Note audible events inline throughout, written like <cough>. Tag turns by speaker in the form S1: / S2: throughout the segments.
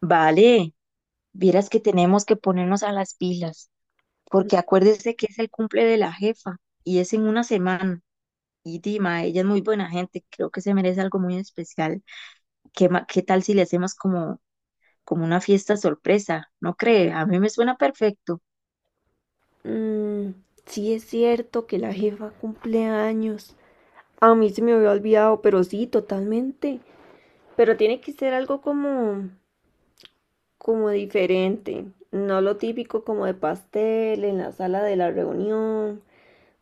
S1: Vale, vieras que tenemos que ponernos a las pilas, porque acuérdese que es el cumple de la jefa y es en una semana. Y Dima, ella es muy buena gente, creo que se merece algo muy especial. ¿Qué, qué tal si le hacemos como, como una fiesta sorpresa? ¿No cree? A mí me suena perfecto.
S2: Mm, sí es cierto que la jefa cumple años. A mí se me había olvidado, pero sí, totalmente. Pero tiene que ser algo como, como diferente, no lo típico como de pastel en la sala de la reunión.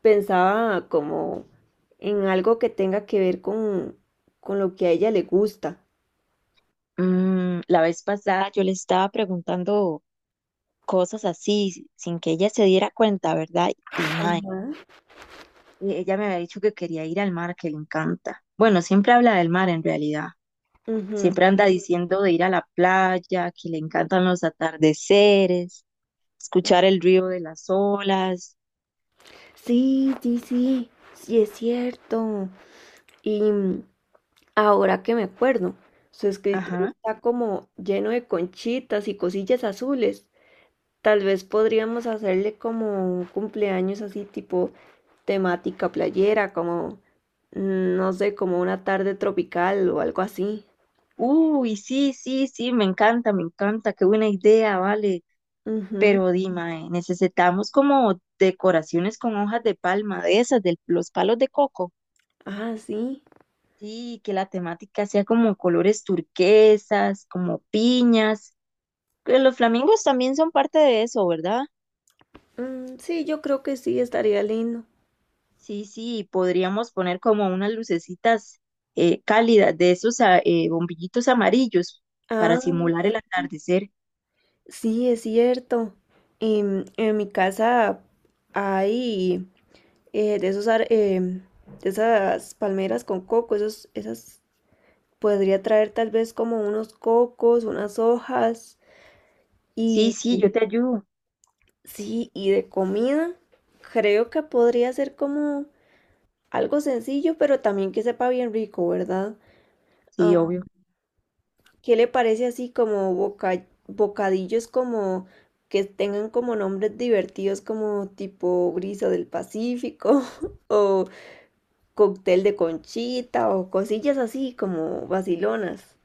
S2: Pensaba como en algo que tenga que ver con lo que a ella le gusta.
S1: Mm, la vez pasada yo le estaba preguntando cosas así, sin que ella se diera cuenta, ¿verdad? Y mae, ella me había dicho que quería ir al mar, que le encanta. Bueno, siempre habla del mar en realidad.
S2: Ujú.
S1: Siempre anda diciendo de ir a la playa, que le encantan los atardeceres, escuchar el río de las olas.
S2: Sí, sí, sí, sí es cierto. Y mm, Ahora que me acuerdo, su escritorio
S1: Ajá.
S2: está como lleno de conchitas y cosillas azules. Tal vez podríamos hacerle como un cumpleaños así tipo temática playera, como, no sé, como una tarde tropical o algo así.
S1: Uy, sí, sí, sí, me encanta, qué buena idea, vale.
S2: Ujú.
S1: Pero dime, necesitamos como decoraciones con hojas de palma, de esas, de los palos de coco.
S2: Ah, sí.
S1: Sí, que la temática sea como colores turquesas, como piñas. Que los flamingos también son parte de eso, ¿verdad?
S2: Sí, yo creo que sí, estaría lindo.
S1: Sí, sí, podríamos poner como unas lucecitas cálidas de esos bombillitos amarillos para
S2: Ah,
S1: simular el atardecer.
S2: sí, es cierto. En mi casa hay de esos, de esas palmeras con coco, esos, esas podría traer tal vez como unos cocos, unas hojas
S1: Sí,
S2: y
S1: sí, yo te ayudo.
S2: sí, y de comida, creo que podría ser como algo sencillo, pero también que sepa bien rico, ¿verdad?
S1: Sí,
S2: Am,
S1: obvio.
S2: ¿Qué le parece así como bocadillos como que tengan como nombres divertidos como tipo brisa del Pacífico <laughs> o cóctel de conchita o cosillas así como vacilonas.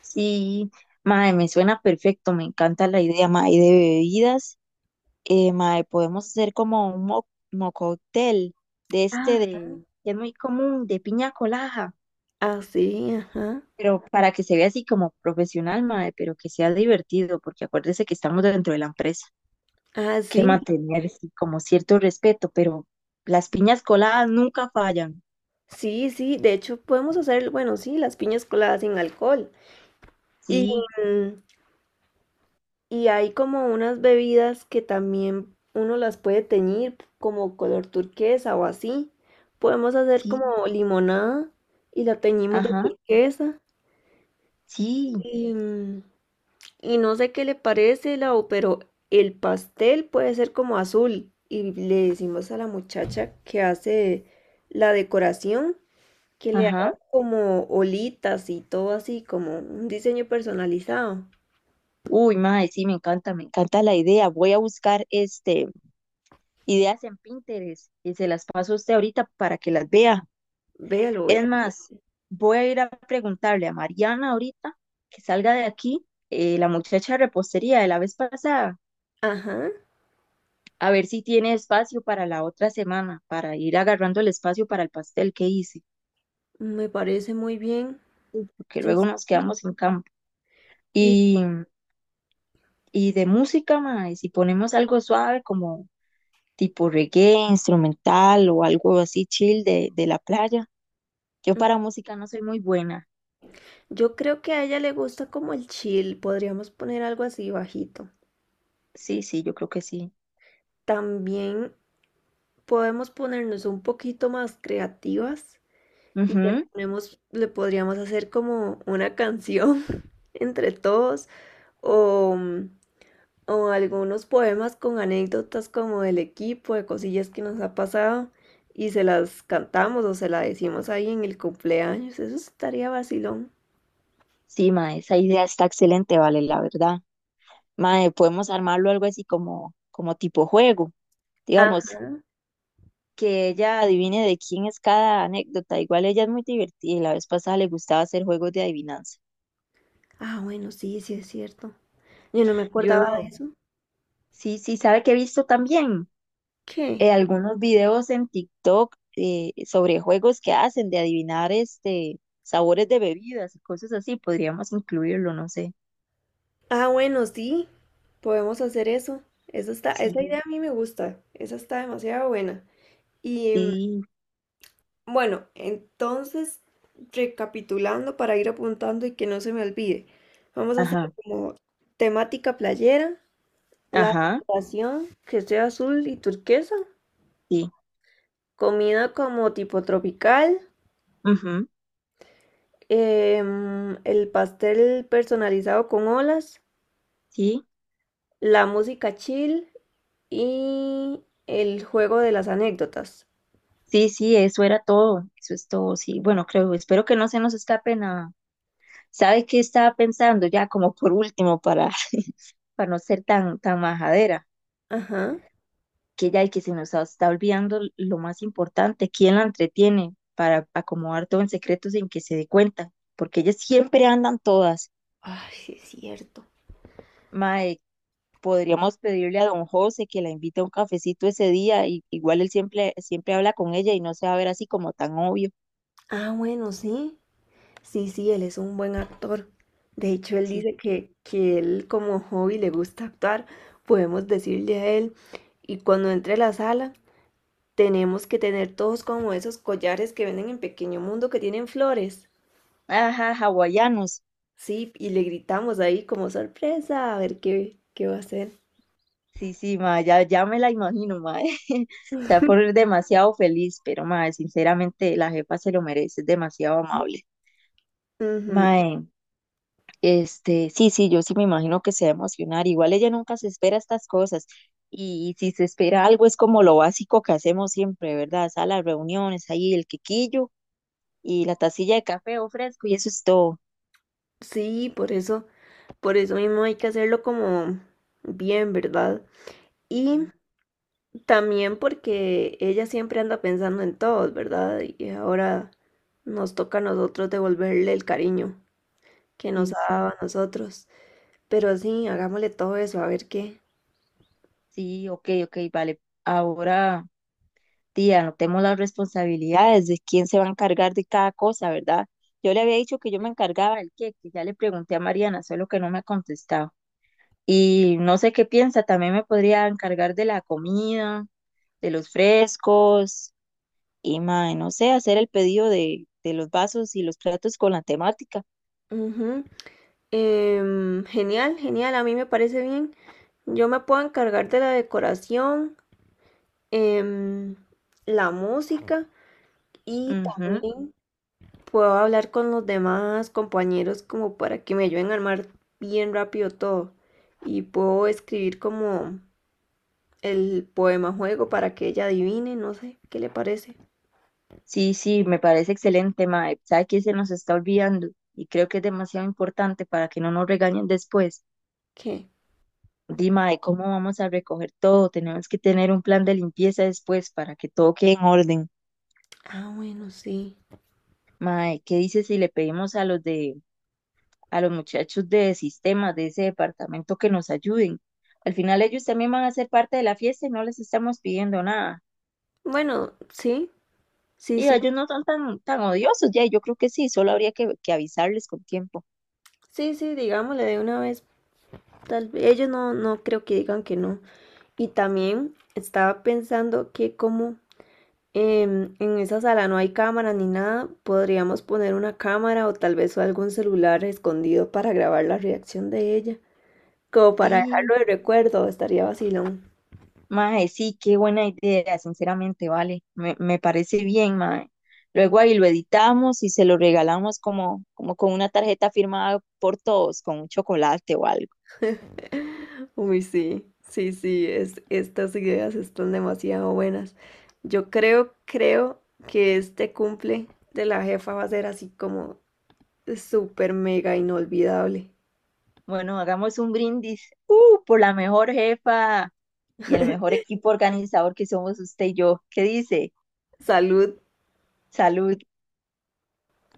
S1: Sí, mae, me suena perfecto, me encanta la idea, mae, y de bebidas. Mae, podemos hacer como un mo mocóctel de este
S2: Ah.
S1: de, que es muy común, de piña colada,
S2: Así, ajá.
S1: pero para que se vea así como profesional, mae, pero que sea divertido, porque acuérdese que estamos dentro de la empresa.
S2: Ah,
S1: Que
S2: sí,
S1: mantener sí, como cierto respeto, pero las piñas coladas nunca fallan.
S2: sí, sí. De hecho, podemos hacer, bueno, sí, las piñas coladas sin alcohol. Y,
S1: Sí,
S2: mm, y hay como unas bebidas que también uno las puede teñir como color turquesa o así. Podemos hacer
S1: sí,
S2: como limonada y la teñimos de
S1: ajá,
S2: turquesa.
S1: sí,
S2: Y, mm, Y no sé qué le parece, Lau, pero el pastel puede ser como azul. Y le decimos a la muchacha que hace la decoración que le haga
S1: ajá.
S2: como olitas y todo así, como un diseño personalizado.
S1: Uy, mae, sí, me encanta la idea. Voy a buscar este ideas en Pinterest y se las paso a usted ahorita para que las vea.
S2: Véalo,
S1: Es
S2: véalo.
S1: más, voy a ir a preguntarle a Mariana ahorita que salga de aquí, la muchacha de repostería de la vez pasada,
S2: Ajá,
S1: a ver si tiene espacio para la otra semana, para ir agarrando el espacio para el pastel que hice.
S2: me parece muy bien.
S1: Que
S2: Sí,
S1: luego
S2: sí,
S1: nos
S2: sí.
S1: quedamos sin campo.
S2: Y
S1: Y, y de música, mae, si ponemos algo suave como tipo reggae, instrumental o algo así chill de la playa. Yo
S2: mm,
S1: para música no soy muy buena.
S2: yo creo que a ella le gusta como el chill. Podríamos poner algo así bajito.
S1: Sí, sí, yo creo que sí.
S2: También podemos ponernos un poquito más creativas. Y le
S1: Ujú.
S2: ponemos, le podríamos hacer como una canción <laughs> entre todos o, o algunos poemas con anécdotas como del equipo, de cosillas que nos ha pasado y se las cantamos o se las decimos ahí en el cumpleaños. Eso estaría vacilón.
S1: Sí, mae, esa idea está excelente, vale, la verdad. Mae, podemos armarlo algo así como, como tipo juego,
S2: Ah,
S1: digamos, que ella adivine de quién es cada anécdota. Igual ella es muy divertida y la vez pasada le gustaba hacer juegos de adivinanza.
S2: ah, bueno, sí, sí es cierto. Yo no me acordaba de
S1: Yo
S2: eso.
S1: sí, sí, sabe que he visto también
S2: ¿Qué?
S1: algunos videos en TikTok sobre juegos que hacen de adivinar este sabores de bebidas y cosas así. Podríamos incluirlo, no sé.
S2: Ah, bueno, sí, podemos hacer eso. Eso está, esa
S1: Sí,
S2: idea a mí me gusta. Esa está demasiado buena. Y, mm,
S1: sí,
S2: Bueno, entonces, recapitulando para ir apuntando y que no se me olvide, vamos a hacer
S1: ajá,
S2: como temática playera, la
S1: ajá,
S2: decoración que sea azul y turquesa,
S1: sí,
S2: comida como tipo tropical,
S1: ujú,
S2: el pastel personalizado con olas,
S1: sí,
S2: la música chill y el juego de las anécdotas.
S1: sí, sí, eso era todo, eso es todo, sí. Bueno, creo, espero que no se nos escape nada. ¿Sabe qué estaba pensando ya como por último para, <laughs> para no ser tan, tan majadera?
S2: Ajá.
S1: Que ya hay que se nos está olvidando lo más importante, quién la entretiene para acomodar todo en secreto sin que se dé cuenta, porque ellas siempre andan todas.
S2: Ay, sí es cierto.
S1: Mae, podríamos pedirle a don José que la invite a un cafecito ese día, y igual él siempre, siempre habla con ella y no se va a ver así como tan obvio.
S2: Ah, bueno, sí. Sí, sí, él es un buen actor. De hecho, él
S1: Sí,
S2: dice que él como hobby le gusta actuar. Podemos decirle a él, y cuando entre a la sala, tenemos que tener todos como esos collares que venden en Pequeño Mundo que tienen flores.
S1: ajá, hawaianos.
S2: Sí, y le gritamos ahí como sorpresa, a ver qué, qué va a hacer.
S1: Sí, sí, ma, ya, ya me la imagino, ma. <laughs> Se va a poner demasiado feliz, pero ma, sinceramente la jefa se lo merece, es demasiado amable.
S2: Ujú.
S1: Ma, este, sí, sí, yo sí me imagino que se va a emocionar. Igual ella nunca se espera estas cosas. Y, si se espera algo es como lo básico que hacemos siempre, ¿verdad? Salas, reuniones, ahí el quequillo y la tacilla de café o fresco y eso es todo.
S2: Sí, por eso mismo hay que hacerlo como bien, ¿verdad? Y también porque ella siempre anda pensando en todos, ¿verdad? Y ahora nos toca a nosotros devolverle el cariño que nos
S1: Sí,
S2: ha dado
S1: sí,
S2: a nosotros. Pero sí, hagámosle todo eso, a ver qué.
S1: sí, ok, ok, vale. Ahora, tía, anotemos las responsabilidades de quién se va a encargar de cada cosa, ¿verdad? Yo le había dicho que yo me encargaba del queque, ya le pregunté a Mariana, solo que no me ha contestado. Y no sé qué piensa, también me podría encargar de la comida, de los frescos y, mae, no sé, hacer el pedido de los vasos y los platos con la temática.
S2: Ujú. Genial, genial, a mí me parece bien. Yo me puedo encargar de la decoración, em, la música y
S1: Ujú.
S2: también puedo hablar con los demás compañeros como para que me ayuden a armar bien rápido todo. Y puedo escribir como el poema juego para que ella adivine, no sé, ¿qué le parece?
S1: Sí, sí, me parece excelente, mae. ¿Sabe qué se nos está olvidando? Y creo que es demasiado importante para que no nos regañen después.
S2: ¿Qué?
S1: Dima, de cómo vamos a recoger todo. Tenemos que tener un plan de limpieza después para que todo quede en orden.
S2: Ah, bueno, sí.
S1: Mae, ¿qué dices si le pedimos a los de a los muchachos de sistemas de ese departamento que nos ayuden. Al final ellos también van a ser parte de la fiesta y no les estamos pidiendo nada.
S2: Bueno, sí, sí,
S1: Y
S2: sí,
S1: ellos no son tan, tan odiosos ya, yo creo que sí, solo habría que avisarles con tiempo.
S2: sí, sí, digámosle de una vez. Tal vez ellos no, no creo que digan que no. Y también estaba pensando que como en esa sala no hay cámara ni nada. Podríamos poner una cámara o tal vez algún celular escondido para grabar la reacción de ella. Como para
S1: Sí,
S2: dejarlo de recuerdo, estaría vacilón.
S1: mae, sí, qué buena idea, sinceramente, vale, me parece bien, mae. Luego ahí lo editamos y se lo regalamos como, como con una tarjeta firmada por todos, con un chocolate o algo.
S2: <laughs> Uy, sí, sí, sí, es, estas ideas están demasiado buenas. Yo creo, creo que este cumple de la jefa va a ser así como súper mega inolvidable.
S1: Bueno, hagamos un brindis, por la mejor jefa y el mejor equipo organizador que somos usted y yo. ¿Qué dice?
S2: Salud.
S1: Salud.